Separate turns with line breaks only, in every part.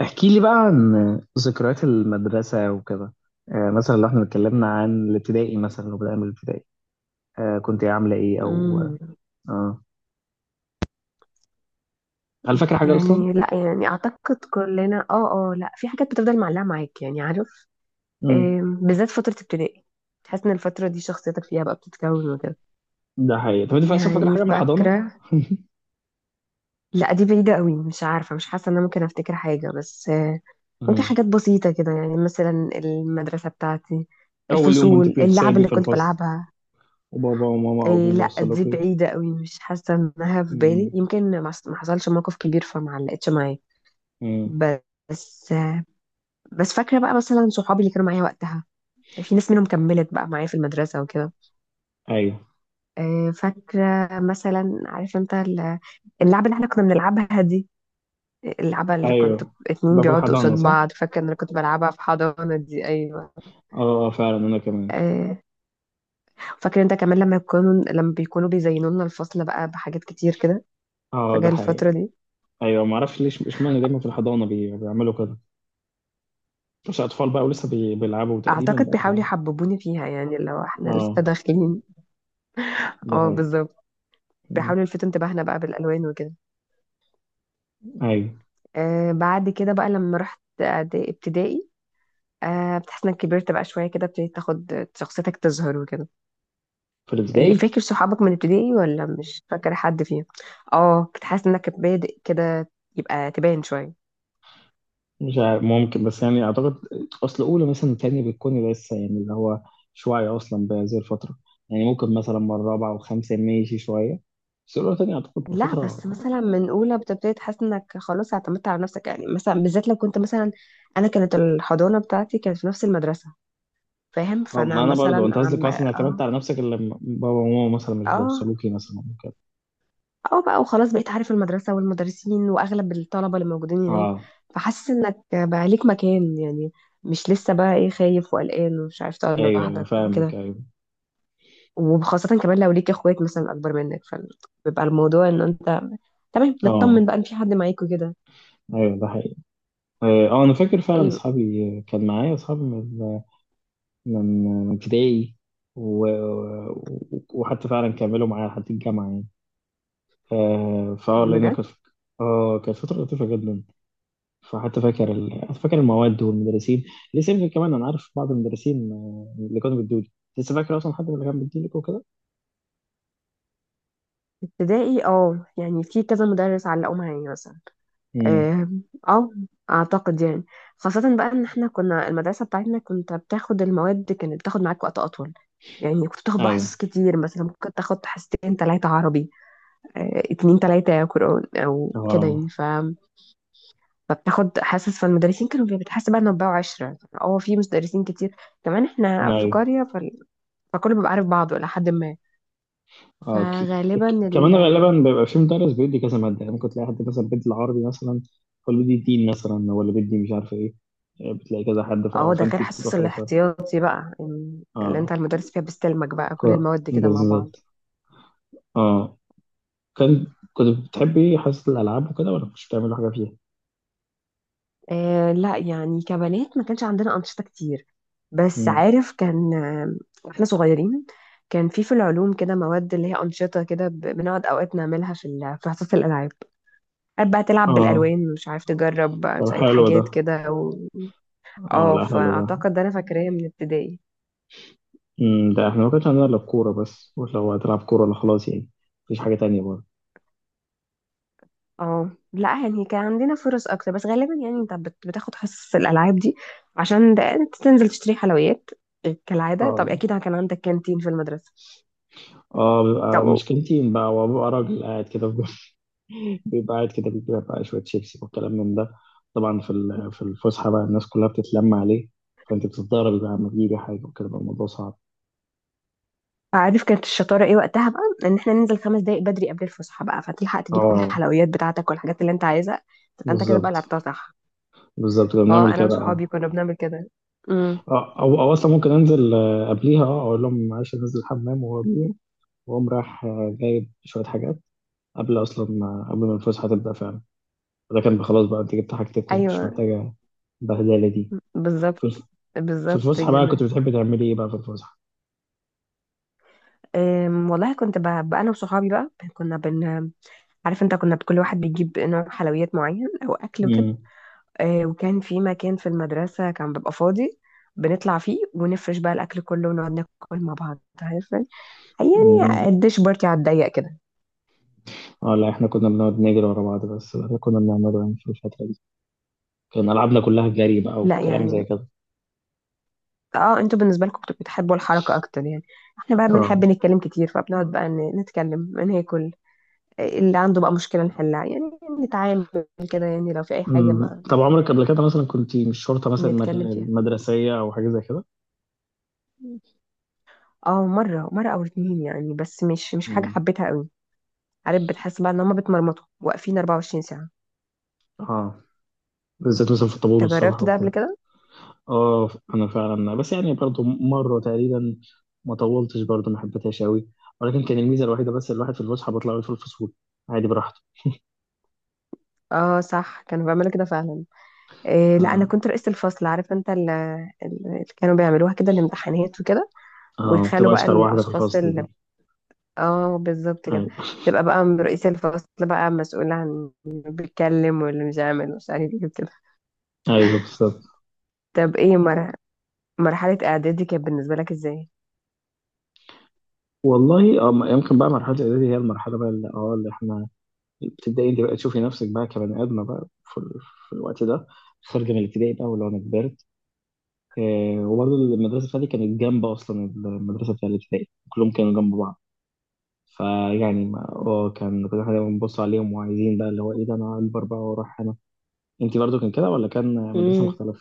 احكي لي بقى عن ذكريات المدرسة وكده. مثلا لو احنا اتكلمنا عن الابتدائي، مثلا لو بدأنا من الابتدائي. كنت إيه، عاملة ايه او
امم
اه هل فاكر حاجة أصلا؟
يعني لا، يعني اعتقد كلنا، لا، في حاجات بتفضل معلقه معاك يعني عارف.
مم.
بالذات فتره ابتدائي، تحس ان الفتره دي شخصيتك فيها بقى بتتكون وكده.
ده حقيقي. طب أنت أصلا فاكر
يعني
حاجة من الحضانة؟
فاكره. لا دي بعيده قوي، مش عارفه، مش حاسه ان انا ممكن افتكر حاجه، بس ممكن
مم.
حاجات بسيطه كده، يعني مثلا المدرسه بتاعتي،
أول يوم وأنت
الفصول، اللعب
بتتسابي
اللي
في
كنت
الفصل
بلعبها.
وبابا وماما أو
إيه لا دي
بيوصلوكي.
بعيده قوي، مش حاسه انها في بالي،
أمم.
يمكن ما حصلش موقف كبير فما علقتش معايا.
مم.
بس بس فاكرة بقى مثلا صحابي اللي كانوا معايا وقتها، في ناس منهم كملت بقى معايا في المدرسة وكده.
أيوه،
فاكرة مثلا، عارف انت اللعبة اللي احنا كنا بنلعبها دي، اللعبة اللي كنت،
أيوه.
اتنين
ده في
بيقعدوا قصاد
الحضانة صح؟
بعض، فاكرة ان انا كنت بلعبها في حضانة دي، ايوه.
أه، فعلا أنا كمان.
آه، فاكر انت كمان لما يكونوا، لما بيكونوا بيزينوا لنا الفصل بقى بحاجات كتير كده
أه،
فجأة
ده
الفترة
حقيقي.
دي.
أيوه، معرفش ليش إشمعنى دايما في الحضانة بيعملوا كده. بس أطفال بقى ولسه بيلعبوا تقريبا
اعتقد
بقى.
بيحاولوا يحببوني فيها، يعني لو احنا لسه
اه،
داخلين.
ده
اه
هي.
بالظبط،
مم.
بيحاولوا يلفتوا انتباهنا بقى بالالوان وكده.
ايوه.
آه بعد كده بقى لما رحت ابتدائي، آه بتحس انك كبرت بقى شويه كده، ابتديت تاخد شخصيتك تظهر وكده.
في
إيه،
الابتدائي.
فاكر صحابك من ابتدائي ولا مش فاكر حد فيهم؟ اه كنت حاسس انك بادئ كده يبقى تبان شويه.
مش عارف، ممكن، بس يعني اعتقد اصل اولى مثلا تانية بتكون لسه، يعني اللي هو مش واعي اصلا بهذه الفتره. يعني ممكن مثلا من رابعه وخمسه ماشي شويه، بس اولى تانية اعتقد
لا
بفتره
بس
اه
مثلا من اولى بتبتدي تحس انك خلاص اعتمدت على نفسك، يعني مثلا بالذات لو كنت مثلا، انا كانت الحضانه بتاعتي كانت في نفس المدرسه، فاهم؟ فانا
ما انا برضو
مثلا
انت قصدك
عم
مثلا اعتمدت
اه
على نفسك، اللي لما بابا وماما مثلا مش
اه
بيوصلوكي مثلا كده.
اه بقى وخلاص، بقيت عارف المدرسة والمدرسين وأغلب الطلبة اللي موجودين هناك.
اه،
فحاسس إنك بقى ليك مكان يعني، مش لسه بقى إيه، خايف وقلقان ومش عارف تقعد
ايوه، ايوه،
لوحدك
فاهمك،
وكده.
ايوه.
وخاصة كمان لو ليك إخوات مثلا أكبر منك، فبيبقى الموضوع إن أنت تمام، مطمن
اه،
بقى إن في حد معاك وكده.
ايوه، ده حقيقي. انا فاكر فعلا،
إيه
اصحابي كان معايا اصحابي من ابتدائي، و... وحتى فعلا كملوا معايا لحد الجامعة يعني. آه، فاه لأن
بجد.
كانت، اه، كانت فترة لطيفة جدا. فحتى فاكر المواد والمدرسين. لسه يمكن كمان أنا عارف بعض المدرسين، اللي كانوا بيدولي. لسه فاكر أصلا حد من اللي كان بيديلك وكده؟
ابتدائي، اه يعني في كذا مدرس علقوا معايا مثلا.
امم.
اه. آه، اعتقد يعني، خاصة بقى ان احنا كنا، المدرسة بتاعتنا كنت بتاخد المواد، كانت بتاخد معاك وقت اطول، يعني كنت بتاخد بقى حصص
أيوه.
كتير، مثلا ممكن تاخد حصتين تلاتة عربي، اتنين تلاتة قرآن او كده،
اه،
يعني فبتاخد حصص، فالمدرسين كانوا، بتحس بقى انه بقوا عشرة، اه في مدرسين كتير، كمان احنا في
أيوه.
قرية فكله بيبقى عارف بعضه الى حد ما.
اه،
فغالبا ال،
كمان غالبا بيبقى في مدرس بيدي كذا مادة، يعني ممكن تلاقي حد مثلا بيدي العربي مثلا، هو اللي بيدي الدين، مثلا هو اللي بيدي مش عارف ايه. بتلاقي كذا حد،
اه ده غير
فانت بتبقى
حصص
خلاص.
الاحتياطي بقى، اللي انت
اه،
المدرس فيها بيستلمك بقى كل المواد كده مع بعض.
بالظبط. اه كان كنت بتحبي حصة الألعاب وكده ولا مش بتعملي حاجة فيها؟
آه لا يعني، كبنات ما كانش عندنا أنشطة كتير، بس
مم.
عارف كان واحنا صغيرين، كان في في العلوم كده مواد اللي هي أنشطة كده، بنقعد أوقات نعملها في في حصة الألعاب، قاعد بقى تلعب
اه،
بالألوان، مش عارف تجرب بقى
طب
شوية
حلو ده.
حاجات كده و...
اه،
اه
لا حلو ده.
فأعتقد ده أنا فاكراه من ابتدائي.
مم. ده احنا ما كانش عندنا إلا الكورة بس، ولو هتلعب كورة لا خلاص يعني، مفيش حاجة تانية برضه.
اه لا يعني كان عندنا فرص أكتر، بس غالبا يعني أنت بتاخد حصص الألعاب دي عشان أنت تنزل تشتري حلويات كالعادة، طب
اه
أكيد كان عندك كانتين في المدرسة.
اه بيبقى
طب
مشكلتين بقى وببقى راجل قاعد كده في جنب. بيبقى قاعد كده بيجيب بقى شوية شيبسي والكلام من ده. طبعا في في الفسحة بقى الناس كلها بتتلم عليه، فأنت بتتضارب بقى لما بيجي حاجة وكده، بقى الموضوع صعب.
عارف كانت الشطارة ايه وقتها بقى؟ ان احنا ننزل خمس دقايق بدري قبل الفسحة بقى فتلحق تجيب
اه،
الحلويات بتاعتك والحاجات اللي انت عايزها، تبقى انت كده بقى
بالظبط.
لعبتها صح.
بالظبط كنا بنعمل
اه انا
كده
وصحابي
اه
كنا بنعمل كده. امم.
او اصلا ممكن انزل، قبليها، اقول لهم معلش انزل الحمام وهو بيه، واقوم رايح، جايب شويه حاجات قبل اصلا آه، قبل ما الفسحه تبدا فعلا. ده كان خلاص بقى انت جبت حاجتكم، مش
ايوه
محتاجه البهدله دي.
بالظبط.
في في
بالظبط
الفسحه بقى
كده.
كنت بتحبي تعملي ايه بقى في الفسحه؟
والله كنت بقى انا وصحابي بقى كنا عارف انت، كنا كل واحد بيجيب نوع حلويات معين او اكل وكده.
امم.
وكان في مكان في المدرسة كان بيبقى فاضي، بنطلع فيه ونفرش بقى الاكل كله ونقعد ناكل مع بعض عارف يعني،
أمم.
الديش بارتي على الضيق كده.
اه، لا احنا كنا بنقعد نجري ورا بعض، بس ده اللي كنا بنعمله يعني في الفتره دي، كان العابنا كلها جري بقى
لا
وكلام زي
يعني،
كده.
اه انتوا بالنسبه لكم بتبقوا بتحبوا الحركه اكتر يعني، احنا بقى
اه.
بنحب نتكلم كتير فبنقعد بقى نتكلم ناكل، اللي عنده بقى مشكله نحلها يعني، نتعامل كده يعني، لو في اي حاجه
مم.
ما
طب عمرك قبل كده مثلا كنت مش شرطة مثلا
نتكلم فيها.
مدرسية أو حاجة زي كده؟
اه مره مره او اتنين يعني، بس مش حاجه
مم.
حبيتها قوي. عارف بتحس بقى ان هما بيتمرمطوا واقفين 24 ساعه.
اه، بالذات مثلا في الطابور
انت
والصبح
جربت ده قبل
وكده.
كده؟
اه، أنا فعلا، بس يعني برضو مرة تقريبا، ما طولتش برضو، ما حبيتهاش أوي، ولكن كان الميزة الوحيدة بس، الواحد في الفسحة بيطلع في الفصول عادي براحته.
اه صح، كانوا بيعملوا كده فعلا. إيه لا انا
اه
كنت رئيسة الفصل، عارف انت اللي كانوا بيعملوها كده، الامتحانات وكده،
اه
ويخلوا
بتبقى
بقى
أشطر واحدة في
الاشخاص.
الفصل دي.
اه بالظبط كده،
أيوه.
تبقى بقى من رئيس الفصل بقى مسؤول عن اللي بيتكلم واللي مش عامل ومش عارف ايه كده.
أيوه، بالظبط.
طب ايه مرحلة اعدادي كانت بالنسبة لك ازاي؟
والله، يمكن بقى مرحلة الإعدادي هي المرحلة بقى اللي إحنا الابتدائي، انت بقى تشوفي نفسك بقى كبني ادمه بقى في الوقت ده، خارجه من الابتدائي بقى، ولو انا كبرت. وبرضه المدرسه بتاعتي كانت جنب اصلا المدرسه بتاع الابتدائي، كلهم كانوا جنب بعض. فيعني ما اه كان كل حاجه بنبص عليهم وعايزين بقى اللي هو ايه ده، انا اكبر بقى واروح هنا. انت برضه كان كده ولا كان مدرسه
امم.
مختلفه؟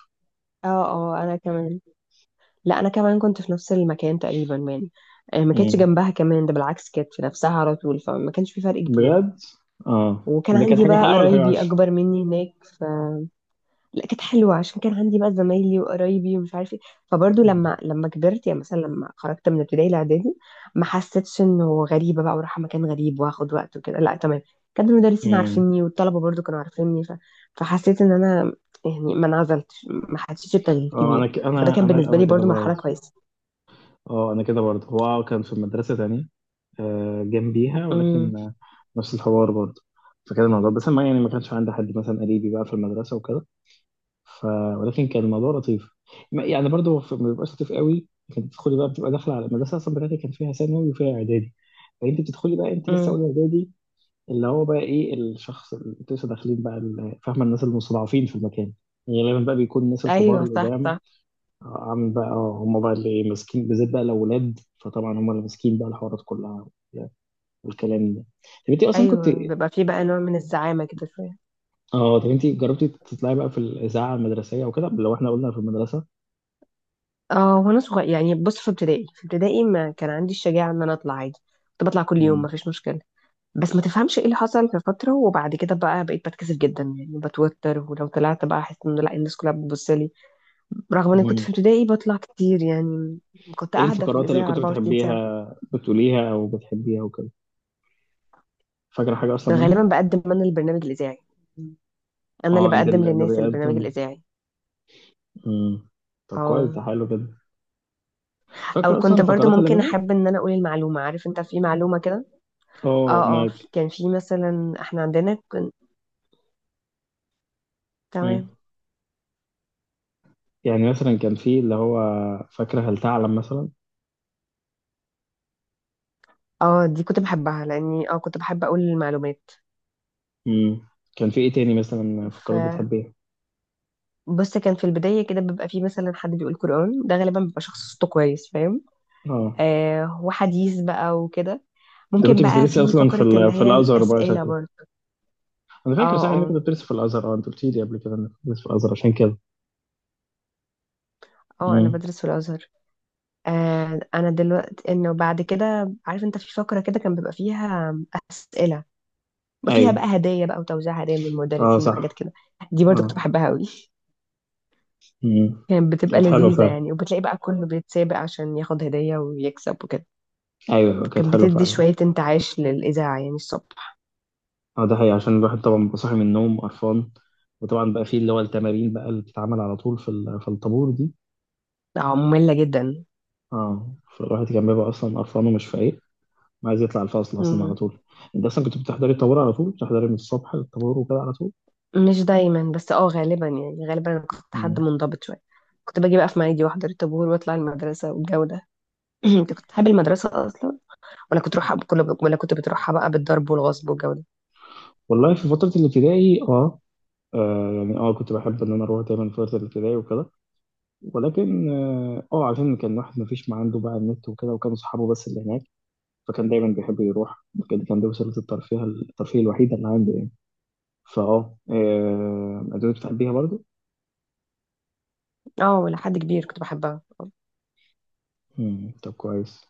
اه اه انا كمان، لا انا كمان كنت في نفس المكان تقريبا يعني، ما كانتش
امم.
جنبها كمان، ده بالعكس كانت في نفسها على طول، فما كانش في فرق كبير.
بجد؟ اه،
وكان
طب ده كانت
عندي
حاجه
بقى
حلوه ولا حاجه
قرايبي
وحشه؟
اكبر مني هناك. لا كانت حلوه عشان كان عندي بقى زمايلي وقرايبي ومش عارف ايه، فبرضه
مم.
لما كبرت يعني، مثلا لما خرجت من ابتدائي لاعدادي، ما حسيتش انه غريبه بقى وراح مكان غريب واخد وقت وكده، لا تمام، كان المدرسين
مم.
عارفيني والطلبه برضه كانوا عارفيني، فحسيت ان انا، يعني ما انعزلتش، ما حسيتش بتغيير كبير، فده كان بالنسبه
انا
لي
كده
برضه مرحله
برضه.
كويسه.
اه، انا كده برضه. هو كان في مدرسه تانية، جنبيها،
امم.
ولكن نفس الحوار برضه. فكان الموضوع، بس ما يعني، ما كانش عندي حد مثلا قريبي بقى في المدرسة وكده. ف... ولكن كان الموضوع لطيف. يعني برضه، ما بيبقاش لطيف قوي. كانت بتدخلي بقى، بتبقى داخلة على المدرسة أصلا بتاعتي، كان فيها ثانوي وفيها إعدادي، فأنت بتدخلي بقى أنت لسه أولى
امم.
إعدادي، اللي هو بقى إيه الشخص اللي أنتوا لسه داخلين بقى، فاهمة، الناس المستضعفين في المكان، يعني غالبا بقى بيكون الناس الكبار
ايوه صح
القدام،
صح.
عامل بقى، هم بقى اللي ماسكين، بالذات بقى الأولاد، فطبعا هم اللي ماسكين بقى الحوارات كلها والكلام ده. طب انت اصلا كنت
ايوه بيبقى في بقى نوع من الزعامه كده شويه.
اه طب انت جربتي تطلعي بقى في الاذاعه المدرسيه وكده، لو احنا قلنا في المدرسه؟
اه وانا صغير يعني، بص في ابتدائي، ما كان عندي الشجاعة ان انا اطلع عادي، كنت بطلع كل يوم ما
مم.
فيش مشكلة، بس ما تفهمش ايه اللي حصل في فترة وبعد كده بقى، بقيت بتكسف جدا يعني، بتوتر ولو طلعت بقى احس ان لا الناس كلها بتبص لي، رغم اني كنت
مم.
في ابتدائي بطلع كتير يعني. كنت
ايه
قاعدة في
الفقرات اللي
الإذاعة
كنت
24 ساعة.
بتحبيها، بتقوليها او بتحبيها وكده؟ فاكره حاجه
كنت
اصلا
غالبا
منهم؟
بقدم انا البرنامج الإذاعي، انا اللي
اه، انت
بقدم
اللي
للناس البرنامج
بيقدم.
الإذاعي.
مم. طب كويس، ده
اه.
حلو كده.
او
فاكره اصلا
كنت برضو
الفقرات اللي
ممكن
بينهم؟
احب ان انا اقول المعلومة، عارف انت في معلومة كده.
اه
اه
ما
كان في مثلا احنا عندنا
مم.
تمام.
يعني مثلا كان في اللي هو فاكره هل تعلم مثلا.
اه دي كنت بحبها لاني اه كنت بحب اقول المعلومات.
مم. كان في ايه تاني مثلا
ف
فقرات بتحبيها؟
بص، كان في البداية كده بيبقى في مثلا حد بيقول قرآن، ده غالبا بيبقى شخص صوته كويس فاهم،
اه،
آه وحديث بقى وكده،
ده كنت
ممكن بقى
بتدرسي
في
اصلا في
فقرة اللي
في
هي
الازهر بقى
الأسئلة
شكلك.
برضه.
انا
اه.
فاكر صح انك كنت بتدرس في الازهر، انت قلت لي قبل كده انك كنت بتدرس في الازهر عشان كده.
اه انا
امم.
بدرس في الازهر. آه انا دلوقتي انه بعد كده، عارف انت في فقره كده كان بيبقى فيها اسئله، بيبقى فيها
ايوه.
بقى هدايا بقى وتوزيع هدايا من
اه،
المدرسين وحاجات
صح.
كده، دي برضو كنت
اه.
بحبها قوي.
امم.
كانت بتبقى
كانت حلوه
لذيذة
فعلا.
يعني، وبتلاقي بقى كله بيتسابق عشان ياخد هدية ويكسب وكده،
ايوه، كانت
كانت
حلوه
بتدي
فعلا.
شوية انتعاش للإذاعة يعني الصبح.
اه، ده حقيقي عشان الواحد طبعا بيبقى صاحي من النوم قرفان، وطبعا بقى فيه اللي هو التمارين بقى اللي بتتعمل على طول في في الطابور دي.
اه مملة جدا.
اه، فالواحد كان بيبقى اصلا قرفان ومش فايق، ما عايز يطلع الفصل اصلا على
مم.
طول. انت اصلا كنت بتحضري الطابور على طول، بتحضري من الصبح للطابور وكده على طول؟
مش دايما، بس اه غالبا يعني، غالبا أنا كنت حد
امم.
منضبط شوية، كنت باجي بقى في ميعادي واحضر الطابور واطلع المدرسة والجو ده. انت كنت بتحب المدرسة أصلا، ولا كنت تروحها بكل، ولا كنت بتروحها بقى بالضرب والغصب والجو ده؟
والله في فتره الابتدائي اه يعني كنت بحب ان انا اروح دايما فتره الابتدائي وكده. ولكن عشان كان واحد ما فيش، ما عنده بقى النت وكده، وكانوا صحابه بس اللي هناك، فكان دايما بيحب يروح كده. كان دي وسيله الترفيه الوحيده اللي عنده يعني. فاه آه، ادوات بتحبيها برضو.
اه ولا حد كبير كنت بحبها.
مم، طب كويس.